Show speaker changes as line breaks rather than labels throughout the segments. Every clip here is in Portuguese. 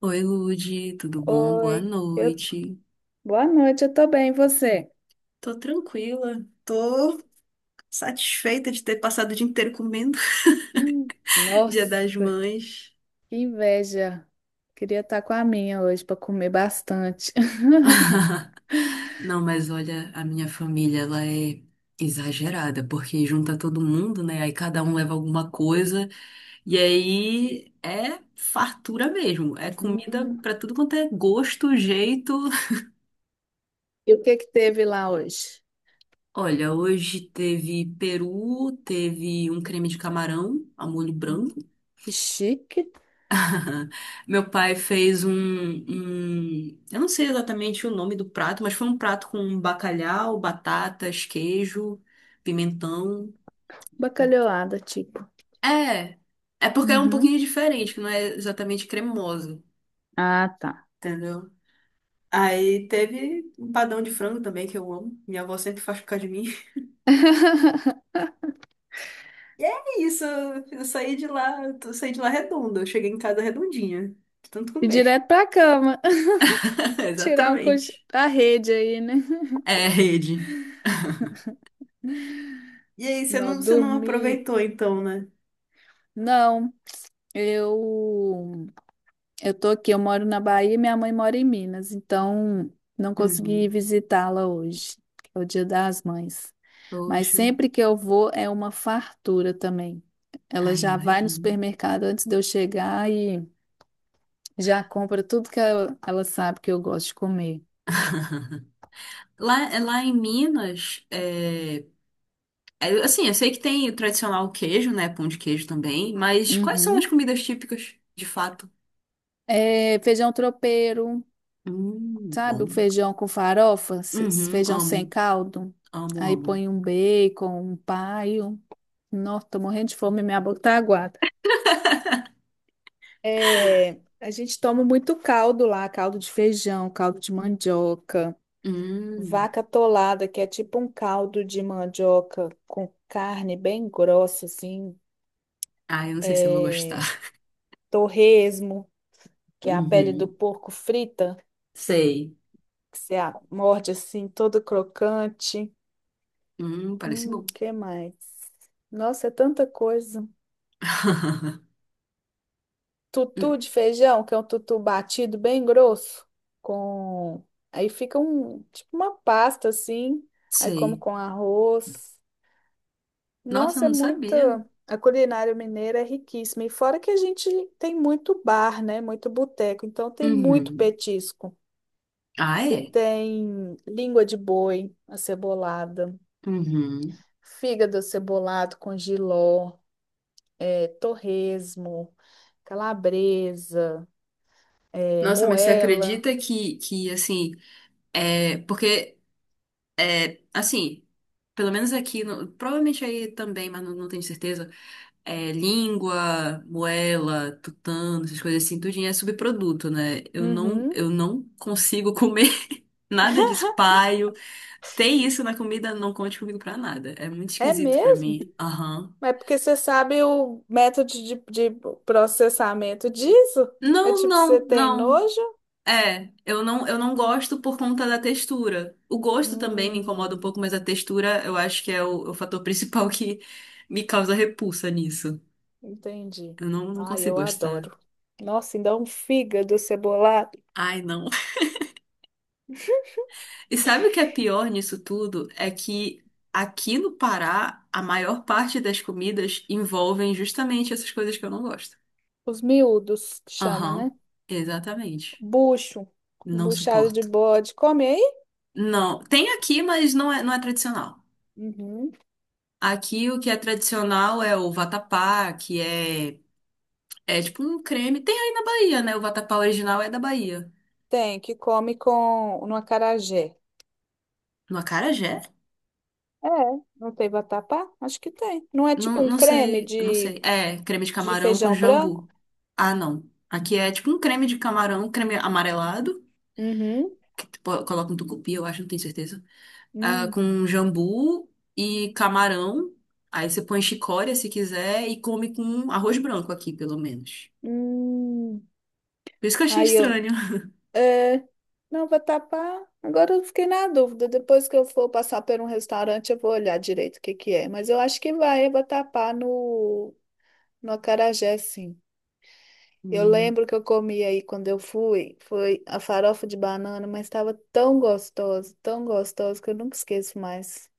Oi, Lude, tudo bom? Boa
Oi,
noite.
boa noite, eu tô bem, e você?
Tô satisfeita de ter passado o dia inteiro comendo. Dia das
Nossa,
Mães.
que inveja. Queria estar com a minha hoje para comer bastante.
Não, mas olha, a minha família, ela é exagerada, porque junta todo mundo, né? Aí cada um leva alguma coisa, e aí é fartura mesmo, é comida
Hum,
pra tudo quanto é gosto, jeito.
E o que que teve lá hoje?
Olha, hoje teve peru, teve um creme de camarão a molho
Hum.
branco.
Chique,
Meu pai fez eu não sei exatamente o nome do prato, mas foi um prato com bacalhau, batatas, queijo, pimentão.
bacalhoada, tipo.
É, é porque é um pouquinho
Uhum.
diferente, que não é exatamente cremoso,
Ah, tá.
entendeu? Aí teve um padrão de frango também, que eu amo. Minha avó sempre faz por causa de mim. É isso, eu saí de lá, eu saí de lá redonda. Eu cheguei em casa redondinha, de tanto
E
comer.
direto pra cama. Tirar um cochilo
Exatamente.
da rede aí, né?
É, rede. E aí,
Não,
você não
dormir.
aproveitou então, né?
Não, eu eu tô aqui, eu moro na Bahia e minha mãe mora em Minas, então não consegui
Uhum.
visitá-la hoje, que é o Dia das Mães. Mas
Poxa,
sempre que eu vou é uma fartura também. Ela
ai,
já vai no
imagino.
supermercado antes de eu chegar e já compra tudo que ela sabe que eu gosto de comer.
Lá, lá em Minas, é, é, assim, eu sei que tem o tradicional queijo, né? Pão de queijo também, mas quais são as
Uhum.
comidas típicas, de fato?
É, feijão tropeiro, sabe? O
Bom.
feijão com farofa,
Uhum,
feijão sem
amo,
caldo.
amo,
Aí
amo.
põe um bacon, um paio. Nossa, tô morrendo de fome, minha boca tá aguada. É, a gente toma muito caldo lá, caldo de feijão, caldo de mandioca,
Hum,
vaca atolada, que é tipo um caldo de mandioca com carne bem grossa, assim,
ai, eu não sei se eu vou
é,
gostar.
torresmo, que é a pele do
Uhum,
porco frita,
sei.
que você morde assim, todo crocante.
Parece bom.
Que mais? Nossa, é tanta coisa.
Hum,
Tutu de feijão, que é um tutu batido bem grosso, com aí fica um tipo uma pasta assim, aí como
sei.
com arroz.
Nossa, eu
Nossa, é
não sabia.
muita A culinária mineira é riquíssima. E fora que a gente tem muito bar, né? Muito boteco. Então tem muito
Uhum.
petisco.
Ah,
Você
é?
tem língua de boi acebolada,
Uhum.
fígado acebolado com jiló, é, torresmo, calabresa, é,
Nossa, mas você
moela.
acredita que assim, é, porque, é, assim, pelo menos aqui, no- provavelmente aí também, mas não, não tenho certeza, é, língua, moela, tutano, essas coisas assim, tudinho é subproduto, né?
Uhum.
Eu não consigo comer nada disso, paio. Tem isso na comida, não conte comigo pra nada. É muito
É
esquisito pra
mesmo?
mim. Aham.
Mas é porque você sabe o método de processamento disso? É
Não,
tipo, você
não,
tem
não.
nojo?
É, eu não gosto por conta da textura. O gosto também me incomoda um
Hum,
pouco, mas a textura eu acho que é o fator principal que me causa repulsa nisso.
entendi.
Eu não, não
Ai, eu
consigo gostar.
adoro. Nossa, ainda um fígado cebolado.
Ai, não. E sabe o que é pior nisso tudo? É que aqui no Pará, a maior parte das comidas envolvem justamente essas coisas que eu não gosto.
Os miúdos, que chama,
Aham,
né?
exatamente.
Bucho.
Não
Buchada de
suporto.
bode. Come aí?
Não, tem aqui, mas não é tradicional.
Uhum.
Aqui o que é tradicional é o vatapá, que é, é tipo um creme. Tem aí na Bahia, né? O vatapá original é da Bahia.
Tem, que come com no acarajé.
No acarajé?
É, não tem vatapá? Acho que tem. Não é
Não,
tipo um
não
creme
sei, eu não sei. É, creme de
de
camarão com
feijão branco?
jambu. Ah, não. Aqui é tipo um creme de camarão, creme amarelado,
Uhum.
que tu po- coloca um tucupi, eu acho, não tenho certeza. Ah,
Hum.
com jambu e camarão. Aí você põe chicória se quiser e come com arroz branco aqui, pelo menos.
Hum,
Por isso que eu achei
aí eu,
estranho.
é, não, vai tapar. Agora eu fiquei na dúvida. Depois que eu for passar por um restaurante, eu vou olhar direito o que que é. Mas eu acho que vai tapar no acarajé, sim. Eu lembro que eu comi aí quando eu fui, foi a farofa de banana, mas estava tão gostosa que eu nunca esqueço mais.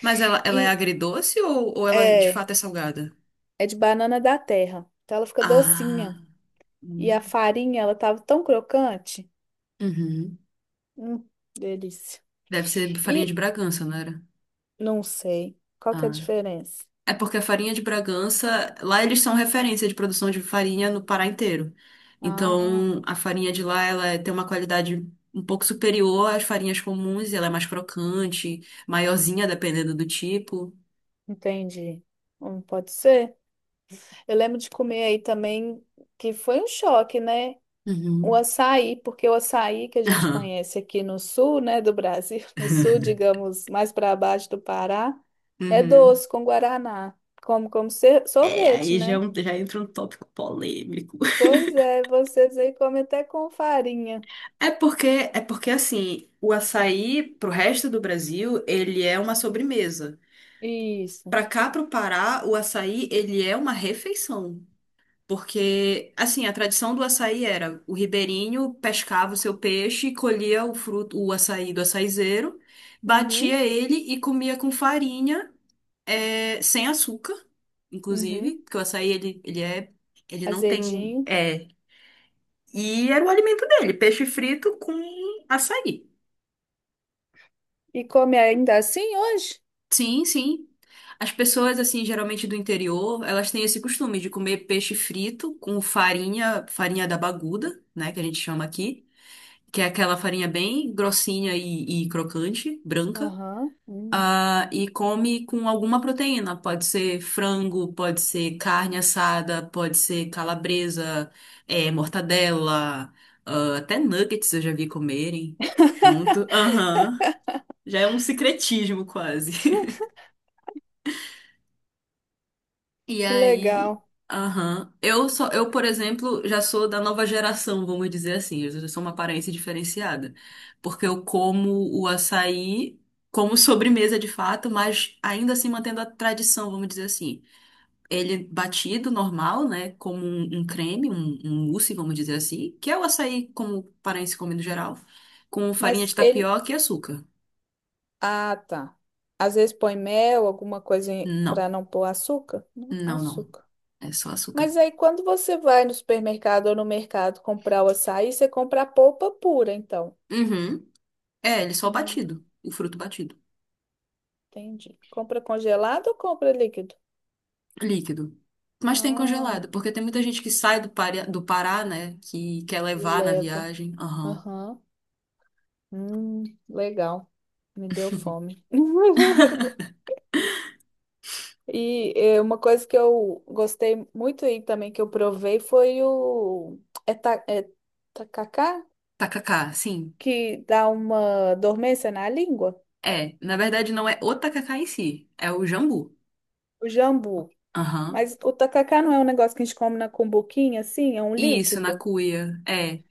Mas ela é
E
agridoce ou ela é, de
é,
fato é salgada?
é de banana da terra, então ela fica
Ah.
docinha. E a
Hum.
farinha, ela tava tão crocante.
Uhum.
Hum, delícia.
Deve ser farinha de
E
Bragança, não era?
não sei. Qual que é a
Ah.
diferença?
É porque a farinha de Bragança, lá eles são referência de produção de farinha no Pará inteiro.
Ah,
Então, a farinha de lá, ela é, tem uma qualidade um pouco superior às farinhas comuns, ela é mais crocante, maiorzinha, dependendo do tipo.
entendi. Pode ser. Eu lembro de comer aí também, que foi um choque, né? O
Uhum.
açaí, porque o açaí que a gente conhece aqui no sul, né, do Brasil, no sul, digamos, mais para baixo do Pará, é
Uhum.
doce com guaraná,
É,
sorvete,
aí já, é
né?
um- já entra um tópico polêmico.
Pois é, vocês aí comem até com farinha.
É porque, é porque assim, o açaí pro resto do Brasil, ele é uma sobremesa.
Isso.
Pra cá, pro Pará, o açaí, ele é uma refeição. Porque, assim, a tradição do açaí era o ribeirinho pescava o seu peixe, colhia o fruto, o açaí do açaizeiro,
Uhum,
batia ele e comia com farinha, é, sem açúcar, inclusive,
uhum.
porque o açaí, ele é, ele não tem,
Azedinho.
é, e era o alimento dele, peixe frito com açaí.
E come ainda assim hoje?
Sim, sim. As pessoas, assim, geralmente do interior, elas têm esse costume de comer peixe frito com farinha, farinha da baguda, né, que a gente chama aqui, que é aquela farinha bem grossinha e crocante, branca,
Aham.
ah, e come com alguma proteína. Pode ser frango, pode ser carne assada, pode ser calabresa, eh, mortadela, ah, até nuggets eu já vi comerem junto. Aham. Já é um secretismo quase. E
Que
aí,
legal.
aham. Eu só, eu, por exemplo, já sou da nova geração, vamos dizer assim. Eu já sou uma aparência diferenciada, porque eu como o açaí como sobremesa de fato, mas ainda assim mantendo a tradição, vamos dizer assim. Ele batido normal, né, como um creme, um mousse, vamos dizer assim, que é o açaí como paraense come no geral, com farinha
Mas
de
ele.
tapioca e açúcar.
Ah, tá. Às vezes põe mel, alguma coisa para
Não,
não pôr açúcar? Não,
não, não.
açúcar.
É só
Mas
açúcar.
aí quando você vai no supermercado ou no mercado comprar o açaí, você compra a polpa pura, então.
Uhum. É, ele só
Hum,
batido, o fruto batido.
entendi. Compra congelado ou compra líquido?
Líquido. Mas tem
Ah,
congelado, porque tem muita gente que sai do, Pari- do Pará, né? Que quer
e
levar na
leva.
viagem. Aham.
Aham. Hum, legal. Me deu fome. E uma coisa que eu gostei muito e também que eu provei foi o é, ta- é tacacá,
Tacacá, sim.
que dá uma dormência na língua,
É, na verdade não é o tacacá em si, é o jambu.
o jambu.
Aham.
Mas o tacacá não é um negócio que a gente come na cumbuquinha, assim, é um
Isso, na
líquido.
cuia. É.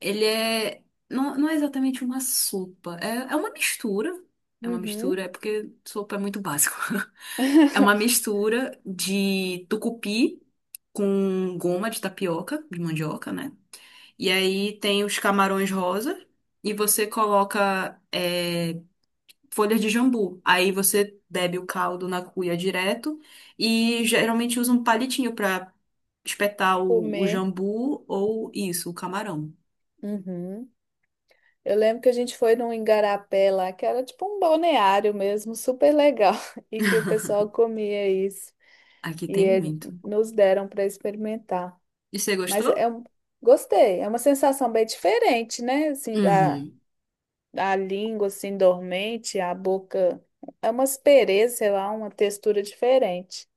Ele é. Não, não é exatamente uma sopa, é, é uma mistura. É uma
Uhum.
mistura, é porque sopa é muito básico. É uma mistura de tucupi com goma de tapioca, de mandioca, né? E aí tem os camarões rosa e você coloca é, folhas de jambu. Aí você bebe o caldo na cuia direto e geralmente usa um palitinho para espetar o
Comer.
jambu ou isso, o camarão.
Uhum. Eu lembro que a gente foi num igarapé lá, que era tipo um balneário mesmo, super legal, e que o pessoal comia isso.
Aqui
E
tem
ele-
muito.
nos deram para experimentar.
E você
Mas
gostou?
é um- gostei, é uma sensação bem diferente, né? Assim, da,
Uhum.
da língua, assim, dormente, a boca. É uma aspereza, sei lá, uma textura diferente.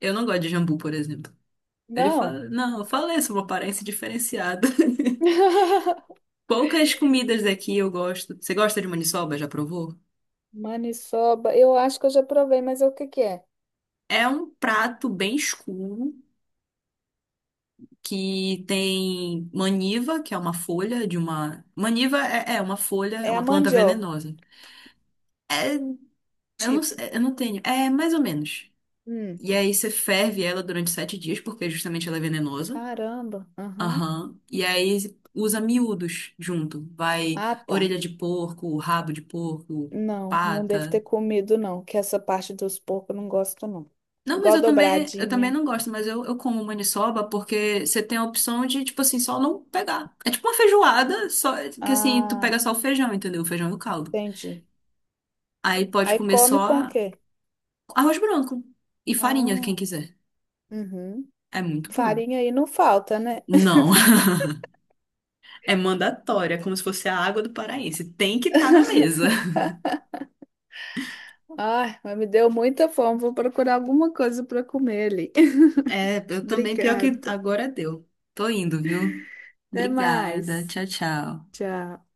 Eu não gosto de jambu, por exemplo. Ele
Não.
fala, não, eu falei sobre uma aparência diferenciada. Poucas comidas daqui eu gosto. Você gosta de maniçoba? Já provou?
Maniçoba, eu acho que eu já provei, mas é o que que é?
É um prato bem escuro que tem maniva, que é uma folha de uma. Maniva é, é uma folha, é
É a
uma planta
mandioca,
venenosa. É,
tipo.
eu não tenho. É mais ou menos.
Hum,
E aí você ferve ela durante 7 dias, porque justamente ela é venenosa.
caramba. Aham.
Aham. E aí usa miúdos junto. Vai
Ah, tá.
orelha de porco, rabo de porco,
Não, não devo
pata.
ter comido, não, que essa parte dos porcos eu não gosto, não.
Não, mas
Igual
eu também
dobradinha.
não gosto, mas eu como maniçoba porque você tem a opção de, tipo assim, só não pegar. É tipo uma feijoada, só que assim, tu pega
Ah,
só o feijão, entendeu? O feijão e o caldo.
entendi.
Aí pode
Aí
comer
come com o
só
quê?
arroz branco e farinha, quem
Ah.
quiser.
Uhum.
É muito bom.
Farinha aí não falta, né?
Não, é mandatório, é como se fosse a água do paraense. Tem que estar na mesa.
Ai, mas me deu muita fome. Vou procurar alguma coisa para comer ali.
É, eu também, pior que
Obrigada.
agora deu. Tô indo, viu?
Até
Obrigada.
mais.
Tchau, tchau.
Tchau.